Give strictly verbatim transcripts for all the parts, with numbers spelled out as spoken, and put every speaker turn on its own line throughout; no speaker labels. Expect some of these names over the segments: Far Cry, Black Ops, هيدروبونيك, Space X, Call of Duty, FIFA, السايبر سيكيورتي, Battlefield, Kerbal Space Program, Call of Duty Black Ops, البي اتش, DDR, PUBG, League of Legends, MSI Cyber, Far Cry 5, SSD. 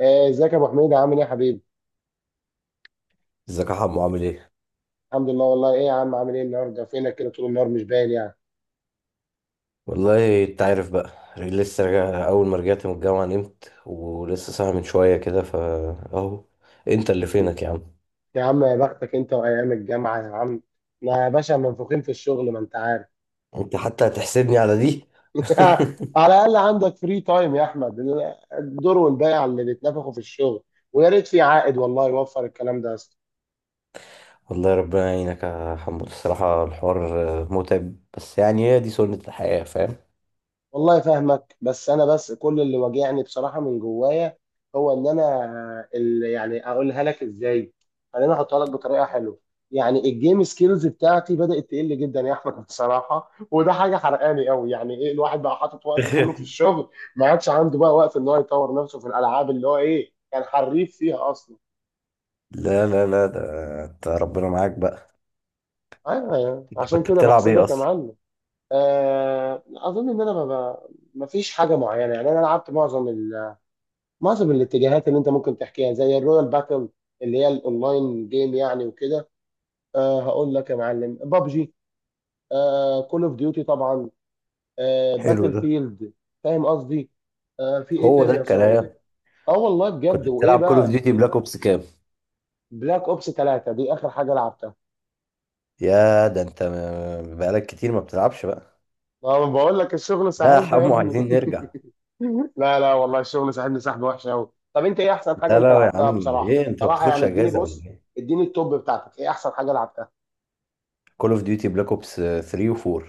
آه، ازيك يا ابو حميد، عامل ايه يا حبيبي؟
ازيك يا حمو، عامل ايه؟
الحمد لله والله. ايه يا عم، عامل ايه النهارده؟ فينك كده طول النهار مش باين يعني.
والله انت عارف بقى. لسه راجع، اول ما رجعت من الجامعة نمت، ولسه صاحي من شوية كده. فا اهو. انت اللي
م.
فينك يا عم.
يا عم يا بختك انت وايام الجامعه يا عم. احنا يا باشا منفوخين في الشغل، ما انت عارف.
انت حتى هتحسدني على دي.
على الاقل عندك فري تايم يا احمد. الدور والبيع اللي بيتنفخوا في الشغل، ويا ريت في عائد والله يوفر الكلام ده.
والله ربنا يعينك يا حمو، الصراحة الحوار آه، متعب، بس يعني هي دي سنة الحياة، فاهم؟
والله فاهمك، بس انا بس كل اللي واجعني بصراحه من جوايا هو ان انا اللي، يعني اقولها لك ازاي، خليني احطها لك بطريقه حلوه. يعني الجيم سكيلز بتاعتي بدات تقل جدا يا احمد بصراحه، وده حاجه حرقاني قوي. يعني ايه الواحد بقى حاطط وقته كله في الشغل، ما عادش عنده بقى وقت ان هو يطور نفسه في الالعاب اللي هو ايه، كان حريف فيها اصلا.
لا لا لا، ده انت ربنا معاك بقى.
ايوه، يعني
انت
عشان
كنت
كده
بتلعب ايه
بحسدك يا
اصلا؟
معلم. آه، اظن ان انا ما ما فيش حاجه معينه يعني. انا لعبت معظم معظم الاتجاهات اللي انت ممكن تحكيها، زي الرويال باتل اللي هي الاونلاين جيم يعني، وكده. أه هقول لك يا معلم، بابجي، أه كول اوف ديوتي طبعا، أه
حلو
باتل
ده.
فيلد. فاهم قصدي؟ أه في ايه
هو
تاني
ده
يا صاوي؟
الكلام.
اه والله
كنت
بجد. وايه
بتلعب كول اوف
بقى،
ديوتي بلاك اوبس كام؟
بلاك اوبس تلاته دي اخر حاجه لعبتها.
يا ده انت م- بقالك كتير ما بتلعبش بقى.
ما أنا بقول لك الشغل
لا يا
ساحبنا يا
حمو،
ابني.
عايزين نرجع.
لا لا والله الشغل ساحبني سحبه وحشه قوي. طب انت ايه احسن حاجه
لا
انت
لا، يا
لعبتها
عم
بصراحه
ايه، انت ما
بصراحه يعني؟
بتاخدش
اديني
اجازه ولا
بص،
ايه؟
اديني التوب بتاعتك، ايه احسن حاجه لعبتها؟
كول اوف ديوتي بلاك اوبس تلاتة و4.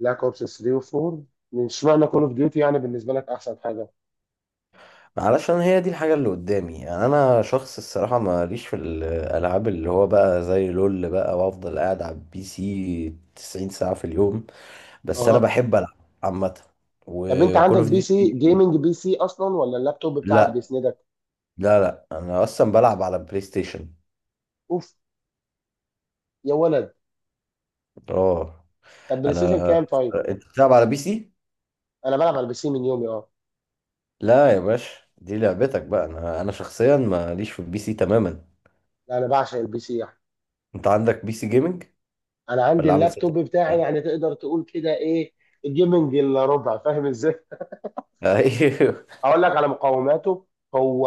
بلاك اوبس تلاته و4. من اشمعنى كول اوف ديوتي يعني بالنسبه لك احسن حاجه؟
معلش، انا هي دي الحاجه اللي قدامي، يعني انا شخص الصراحه ماليش في الالعاب اللي هو بقى زي لول بقى، وافضل قاعد على البي سي تسعين ساعه في اليوم. بس انا
اها.
بحب العب عامه،
طب انت
وكول
عندك
اوف
بي سي،
ديوتي.
جيمنج بي سي اصلا، ولا اللابتوب بتاعك
لا
بيسندك؟
لا لا، انا اصلا بلعب على بلاي ستيشن.
اوف، يا ولد.
اه
طب بلاي ستيشن
انا.
كام طيب؟
انت بتلعب على بي سي؟
انا بلعب على البي سي من يومي، اه.
لا يا باشا، دي لعبتك بقى، انا انا شخصيا ماليش في البي سي تماما.
لا انا بعشق البي سي يعني.
انت عندك بي سي جيمنج
انا عندي
ولا عامل سيت
اللابتوب بتاعي،
اب؟
يعني تقدر تقول كده ايه، الجيمنج الا ربع، فاهم ازاي.
ايوه.
اقول لك على مقاوماته. هو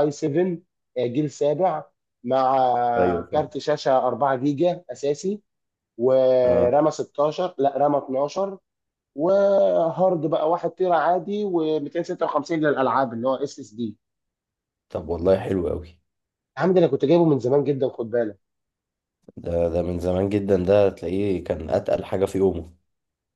اي سبعه، جيل سابع، مع
ايوه، فاهم.
كارت شاشه اربعه جيجا اساسي،
اه
ورامه ستاشر لا رامه اتناشر، وهارد بقى واحد تيرا عادي و256 للالعاب اللي هو اس اس دي.
طب والله حلو قوي.
يا عم، ده انا كنت جايبه من زمان جدا، خد بالك.
ده ده من زمان جدا، ده تلاقيه كان اتقل حاجه في يومه.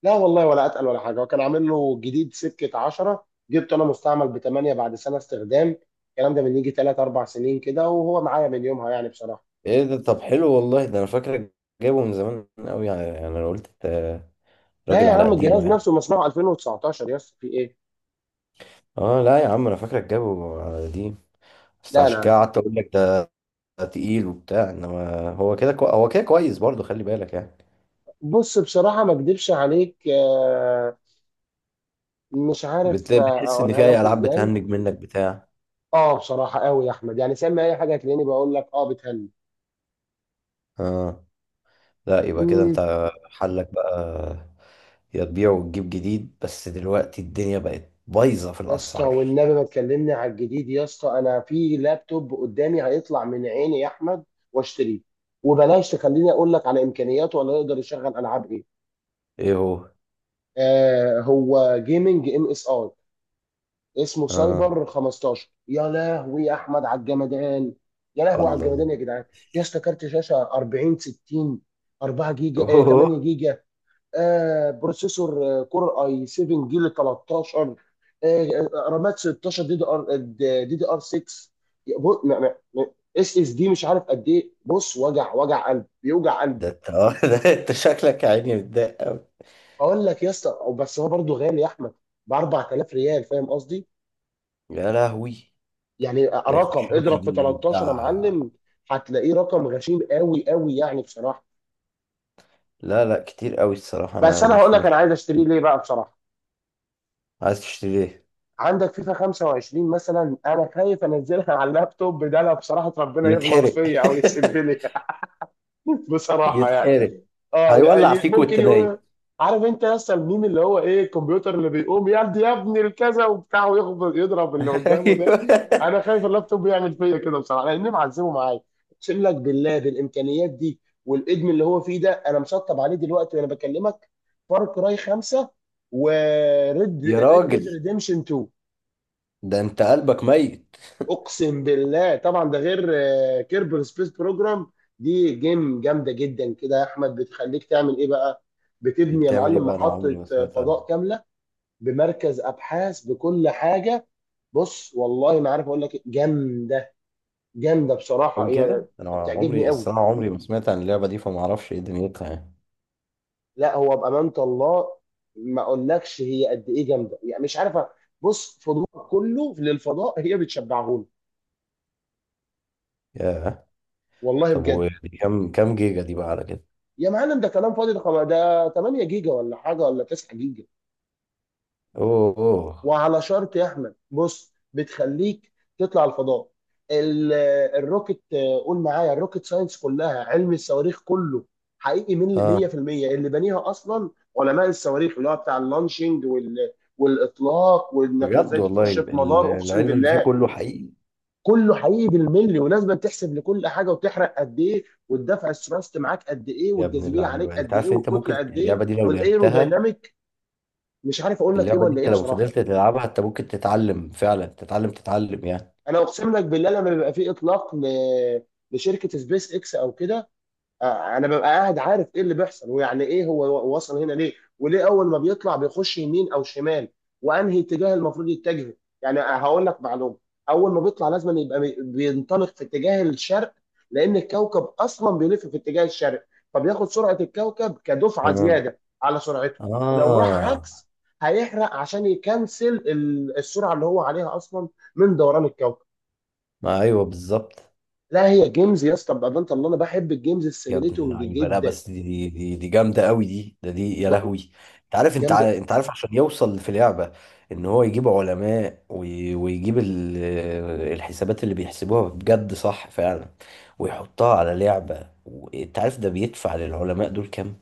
لا والله ولا اتقل ولا حاجه، وكان عامل له جديد سكه عشره، جبته انا مستعمل ب تمنيه بعد سنه استخدام. الكلام ده من يجي تلاته اربعه سنين كده، وهو معايا من يومها يعني بصراحه.
ايه ده، طب حلو والله، ده انا فاكرك جايبه من زمان قوي يعني، يعني انا قلت، آه،
لا
راجل
يا
على
عم،
قديمه
الجهاز
يعني.
نفسه مصنوع الفين وتسعتاشر يا اسطى، في ايه.
اه لا يا عم، انا فاكرك جايبه على قديم، بس
لا
عشان
لا
كده
لا
قعدت اقول لك ده. تقيل وبتاع، انما هو كده كو... هو كده كويس برضه، خلي بالك يعني.
بص، بصراحه ما اكدبش عليك، آه، مش عارف
بتلاقي
آه،
بتحس ان
اقولها
في اي
لك
العاب
ازاي.
بتهنج منك بتاع
اه بصراحه قوي يا احمد يعني، سمي اي حاجه هتلاقيني بقول لك اه بتهني.
اه، لا يبقى كده
مم.
انت حلك بقى: يا تبيع وتجيب جديد، بس دلوقتي الدنيا بقت بايظه في
يا اسطى
الاسعار.
والنبي ما تكلمني على الجديد يا اسطى، انا في لابتوب قدامي هيطلع من عيني يا احمد، واشتريه. وبلاش تخليني اقول لك على امكانياته، ولا يقدر يشغل العاب ايه.
ايه هو؟
آه هو جيمنج ام اس اي، اسمه
اه.
سايبر خمستاشر. يا لهوي يا احمد على الجمدان، يا لهوي على
الله الله.
الجمدان يا جدعان. يا اسطى، كارت شاشه اربعين ستين، اربعه جيجا آه
اوه.
تمنيه جيجا، آه بروسيسور آه، كور اي سبعه جيل تلتاشر، آه آه، رامات ستاشر دي دي ار دي دي ار سته، اس اس دي مش عارف قد ايه. بص، وجع وجع قلب، بيوجع قلبي.
ده انت، آه، ده انت شكلك يا عيني متضايق قوي.
اقول لك يا اسطى، بس هو برضه غالي يا احمد، ب اربعة الاف ريال، فاهم قصدي؟
يا لهوي.
يعني
ده
رقم،
يخش له في
اضرب في
جي-
تلتاشر يا
بتاع.
معلم، هتلاقيه رقم غشيم قوي قوي يعني بصراحه.
لا لا، كتير قوي الصراحه،
بس
انا
انا هقول
مش
لك
مش
انا عايز اشتريه ليه بقى بصراحه.
عايز تشتري ايه؟
عندك فيفا خمسه وعشرين مثلا، انا خايف انزلها على اللابتوب ده، لو بصراحه ربنا يغلط
يتحرق.
فيا او يسيب لي بصراحه يعني.
يتحرق.
اه
هيولع
ي-
فيك
ممكن
وانت نايم.
يقول. عارف انت يا اسطى الميم اللي هو ايه، الكمبيوتر اللي بيقوم يدي يا ابني الكذا وبتاع ويخبط يضرب اللي قدامه ده؟
ايوه.
انا خايف اللابتوب يعمل فيا كده بصراحه، لاني معذبه معايا. اقسم لك بالله بالامكانيات دي والادم اللي هو فيه ده. انا مسطب عليه دلوقتي وانا بكلمك، فار كراي خمسه، وريد،
يا
ريد ديد
راجل،
ريديمشن اتنين.
ده انت قلبك ميت.
اقسم بالله. طبعا ده غير كيربر سبيس بروجرام. دي جيم جامده جدا كده يا احمد، بتخليك تعمل ايه بقى،
دي
بتبني يا
بتعمل ايه
معلم
بقى؟ انا عمري
محطه
ما
آه،
سمعت عنها.
فضاء كامله، بمركز ابحاث، بكل حاجه. بص والله ما عارف اقول لك إيه، جامده، جامده بصراحه
قوي
هي،
كده. انا
بتعجبني
عمري
قوي.
الصراحه، عمري ما سمعت عن اللعبه دي، فما اعرفش ايه دنيتها يعني.
لا هو بامانه الله ما اقولكش هي قد ايه جامده يعني، مش عارفه. بص، فضول كله للفضاء هي بتشبعهولي.
ياه.
والله
طب
بجد.
ودي كام كام جيجا دي بقى على كده؟
يا معلم ده كلام فاضي ده. ده تمنيه جيجا ولا حاجه، ولا تسعه جيجا.
اوه اوه.
وعلى شرط يا احمد بص بتخليك تطلع الفضاء. ال- الروكت آه، قول معايا، الروكت ساينس، كلها علم الصواريخ كله، حقيقي من
اه.
ميه في الميه اللي بنيها اصلا علماء الصواريخ، اللي هو بتاع اللانشنج وال، والاطلاق، وانك
بجد
ازاي
والله،
تخش في
ال-
مدار. اقسم
العلم اللي فيه
بالله
كله حقيقي.
كله حقيقي بالملي، ولازم تحسب لكل حاجه، وتحرق قد ايه، والدفع الثرست معاك قد ايه،
يا ابن
والجاذبيه عليك
اللعيبه، انت
قد ايه،
عارف ان انت
والكتله
ممكن
قد ايه،
اللعبه دي لو لعبتها.
والايرودايناميك، مش عارف اقول لك ايه
اللعبه دي
ولا ايه
انت لو
بصراحه.
فضلت تلعبها انت ممكن تتعلم فعلا، تتعلم تتعلم يعني.
انا اقسم لك بالله لما بيبقى في اطلاق ل... لشركه سبيس اكس او كده، آه، انا ببقى قاعد عارف ايه اللي بيحصل، ويعني ايه هو وصل هنا ليه، وليه اول ما بيطلع بيخش يمين او شمال، وانهي اتجاه المفروض يتجهه. يعني هقول لك معلومه، اول ما بيطلع لازم يبقى بي- بينطلق في اتجاه الشرق، لان الكوكب اصلا بيلف في اتجاه الشرق، فبياخد سرعه الكوكب كدفعه
اه
زياده على سرعته. لو راح
اه.
عكس هيحرق عشان يكنسل ال- السرعه اللي هو عليها اصلا من دوران الكوكب.
ما ايوه بالظبط.
لا هي جيمز يا اسطى بقى، ده انت اللي، انا بحب الجيمز
يا ابن
السيميليتنج
اللعيبه، لا
جدا،
بس دي دي دي, دي جامده قوي، دي ده دي، يا لهوي. انت عارف انت
جامده.
عارف انت عارف عشان يوصل في لعبه ان هو يجيب علماء وي- ويجيب ال- الحسابات اللي بيحسبوها بجد صح فعلا، ويحطها على لعبه، وانت عارف ده بيدفع للعلماء دول كام؟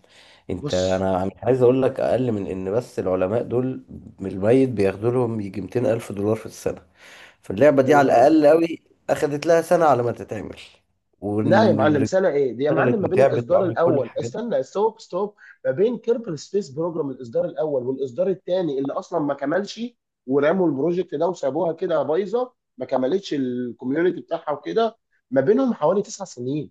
انت
بص،
انا مش عايز اقول لك، اقل من ان بس العلماء دول من الميت بياخدوا لهم يجي ميتين الف دولار في السنه. فاللعبه
يا
دي على
نهار ابيض.
الاقل قوي اخدت لها سنه على ما تتعمل،
لا يا معلم سنه
والرجاله
ايه دي يا
اشتغلت
معلم، ما بين
وتعبت
الاصدار
وعملت كل
الاول،
الحاجات دي.
استنى، ستوب ستوب ما بين كيربل سبيس بروجرام الاصدار الاول والاصدار الثاني اللي اصلا ما كملش، ورموا البروجكت ده وسابوها كده بايظه، ما كملتش الكوميونتي بتاعها وكده، ما بينهم حوالي تسع سنين.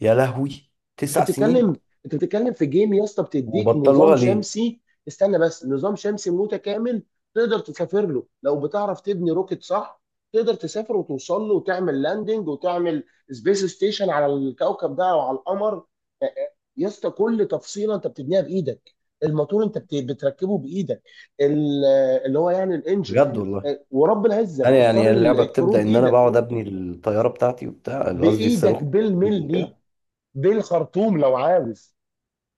يا لهوي.
انت
تسع سنين؟
بتتكلم انت بتتكلم في جيم يا اسطى بتديك نظام
وبطلوها ليه؟
شمسي، استنى بس، نظام شمسي متكامل، تقدر تسافر له لو بتعرف تبني روكت صح، تقدر تسافر وتوصل له وتعمل لاندنج وتعمل سبيس ستيشن على الكوكب ده او على القمر. آه، يا اسطى كل تفصيله انت بتبنيها بايدك، الموتور انت بت- بتركبه بايدك، ال- اللي هو يعني الانجن.
بجد والله.
آه، ورب العزه
انا
بتختار
يعني
ال-
اللعبه
الكرو
بتبدا ان انا
بايدك،
بقعد ابني الطياره بتاعتي وبتاع، قصدي الصاروخ
بايدك
بتاعي
بالملي،
وكده.
بالخرطوم لو عاوز.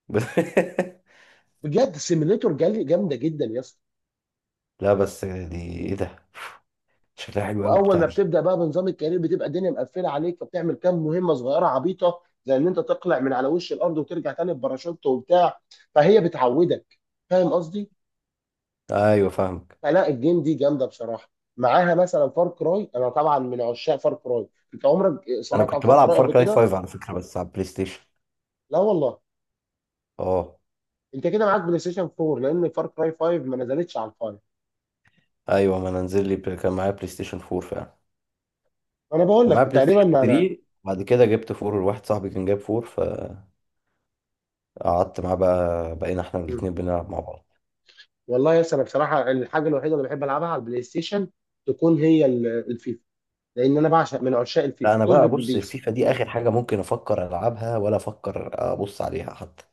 بجد سيميليتور، جامده جدا يا اسطى.
لا بس دي ايه ده؟ شكلها حلو قوي
واول
البتاع
ما
دي.
بتبدا بقى بنظام الكارير، بتبقى الدنيا مقفله عليك، فبتعمل كام مهمه صغيره عبيطه، زي ان انت تقلع من على وش الارض وترجع تاني بباراشوت وبتاع، فهي بتعودك. فاهم قصدي؟
ايوه فاهمك.
فلا، الجيم دي جامده بصراحه. معاها مثلا فار كراي، انا طبعا من عشاق فار كراي. انت عمرك
انا
سمعت عن
كنت
فار
بلعب
كراي قبل
فار كراي
كده؟
فايف على فكره، بس على البلاي ستيشن.
لا والله.
اه
انت كده معاك بلاي ستيشن اربعه، لان فار كراي خمسه ما نزلتش على الفايف.
ايوه، ما انا نزل لي بل- كان معايا بلاي ستيشن اربعة فعلا.
انا بقول
كان
لك
معايا بلاي
تقريبا
ستيشن
انا.
تلاتة، بعد كده جبت فور، واحد صاحبي كان جاب فور، فقعدت معاه بقى، بقينا احنا الاثنين بنلعب مع بعض.
والله يا اسطى، انا بصراحه الحاجه الوحيده اللي بحب العبها على البلاي ستيشن تكون هي ال- الفيفا، لان انا بعشق، من عشاق الفيفا،
لا انا بقى،
تصدر
بص
البيس.
الفيفا دي اخر حاجه ممكن افكر العبها، ولا افكر ابص عليها حتى،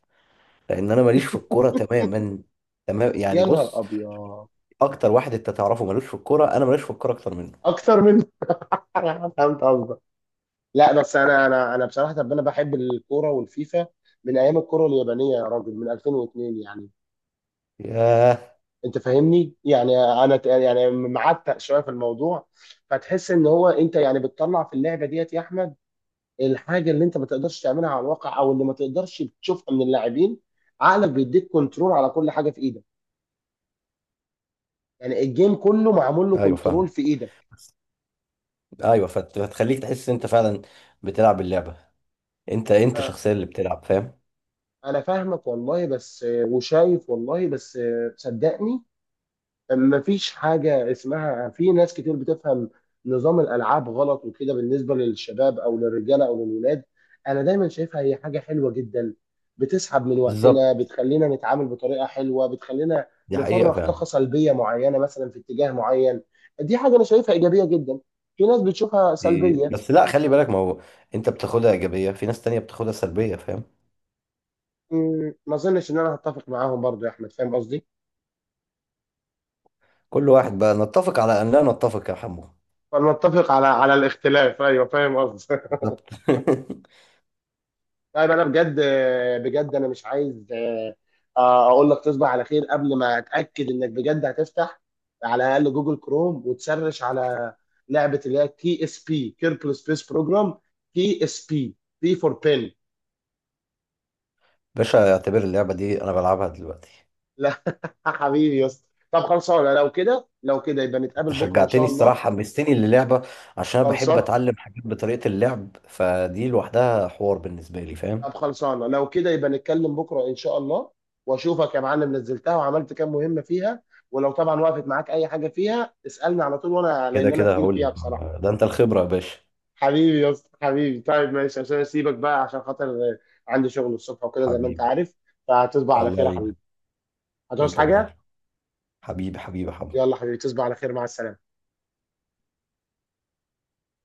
لان انا ماليش في الكوره تماما. تمام
يا
يعني،
نهار
بص،
ابيض.
اكتر واحد انت تعرفه ملوش في الكوره، انا ماليش في الكوره اكتر منه.
اكتر من انا فهمت قصدك. لا بس انا، انا انا بصراحه، طب انا بحب الكوره والفيفا من ايام الكوره اليابانيه يا راجل، من الفين واثنين يعني.
ياه.
انت فاهمني يعني، انا ت- يعني معتق شويه في الموضوع. فتحس ان هو انت يعني بتطلع في اللعبه ديت يا احمد، الحاجه اللي انت ما تقدرش تعملها على الواقع، او اللي ما تقدرش تشوفها من اللاعبين. عقلك بيديك كنترول على كل حاجه في ايدك، يعني الجيم كله معمول له
ايوه
كنترول
فاهم.
في ايدك.
ايوه، فت- فتخليك تحس ان انت فعلا بتلعب اللعبه، انت انت
أ-
الشخصيه اللي بتلعب، فاهم.
انا فاهمك والله، بس آه، وشايف، والله بس آه، صدقني، مفيش حاجة اسمها، في ناس كتير بتفهم نظام الألعاب غلط وكده بالنسبة للشباب أو للرجالة أو للولاد. أنا دايما شايفها هي حاجة حلوة جدا، بتسحب من وقتنا،
بالظبط.
بتخلينا نتعامل بطريقة حلوة، بتخلينا
دي حقيقه
نفرغ طاقة
فعلا.
سلبية معينة مثلا في اتجاه معين. دي حاجة أنا شايفها إيجابية جدا، في ناس بتشوفها
دي-
سلبية.
بس لا خلي بالك، ما هو انت بتاخدها ايجابيه، في ناس تانية بتاخدها سلبيه، فاهم.
أمم، ما أظنش إن أنا هتفق معاهم برضو يا أحمد، فاهم قصدي؟
كل واحد بقى، نتفق على ان لا نتفق يا حمو.
فنتفق على على الاختلاف، أيوه فاهم قصدي.
بالظبط.
طيب انا بجد، بجد انا مش عايز، آه، آه، اقول لك تصبح على خير قبل ما اتاكد انك بجد هتفتح على الاقل جوجل كروم وتسرش على لعبه اللي هي تي اس بي كيركل سبيس بروجرام، تي اس بي، بي فور بين.
باشا، اعتبر اللعبة دي أنا بلعبها دلوقتي.
لا حبيبي يا اسطى. طب خلصانه لو كده، لو كده يبقى
أنت
نتقابل بكره ان
شجعتني
شاء
الصراحة،
الله.
حمستني للعبة، عشان أنا بحب
خلصان.
أتعلم حاجات بطريقة اللعب، فدي لوحدها حوار بالنسبة لي، فاهم.
طب خلصانه لو كده يبقى نتكلم بكره ان شاء الله، واشوفك يا معلم نزلتها وعملت كام مهمه فيها. ولو طبعا وقفت معاك اي حاجه فيها اسالني على طول، وانا،
كده
لان انا
كده
تقيل
هقول
فيها
لك.
بصراحه.
ده أنت الخبرة يا باشا.
حبيبي يا اسطى، حبيبي، طيب ماشي عشان اسيبك بقى عشان خاطر آه، عندي شغل الصبح وكده زي ما انت
حبيبي.
عارف. فهتصبح على
الله
خير يا حبيبي.
يعينك.
هتعوز
وأنت من أهله.
حاجه؟
حبيبي حبيبي حبيبي.
يلا حبيبي تصبح على خير، مع السلامه.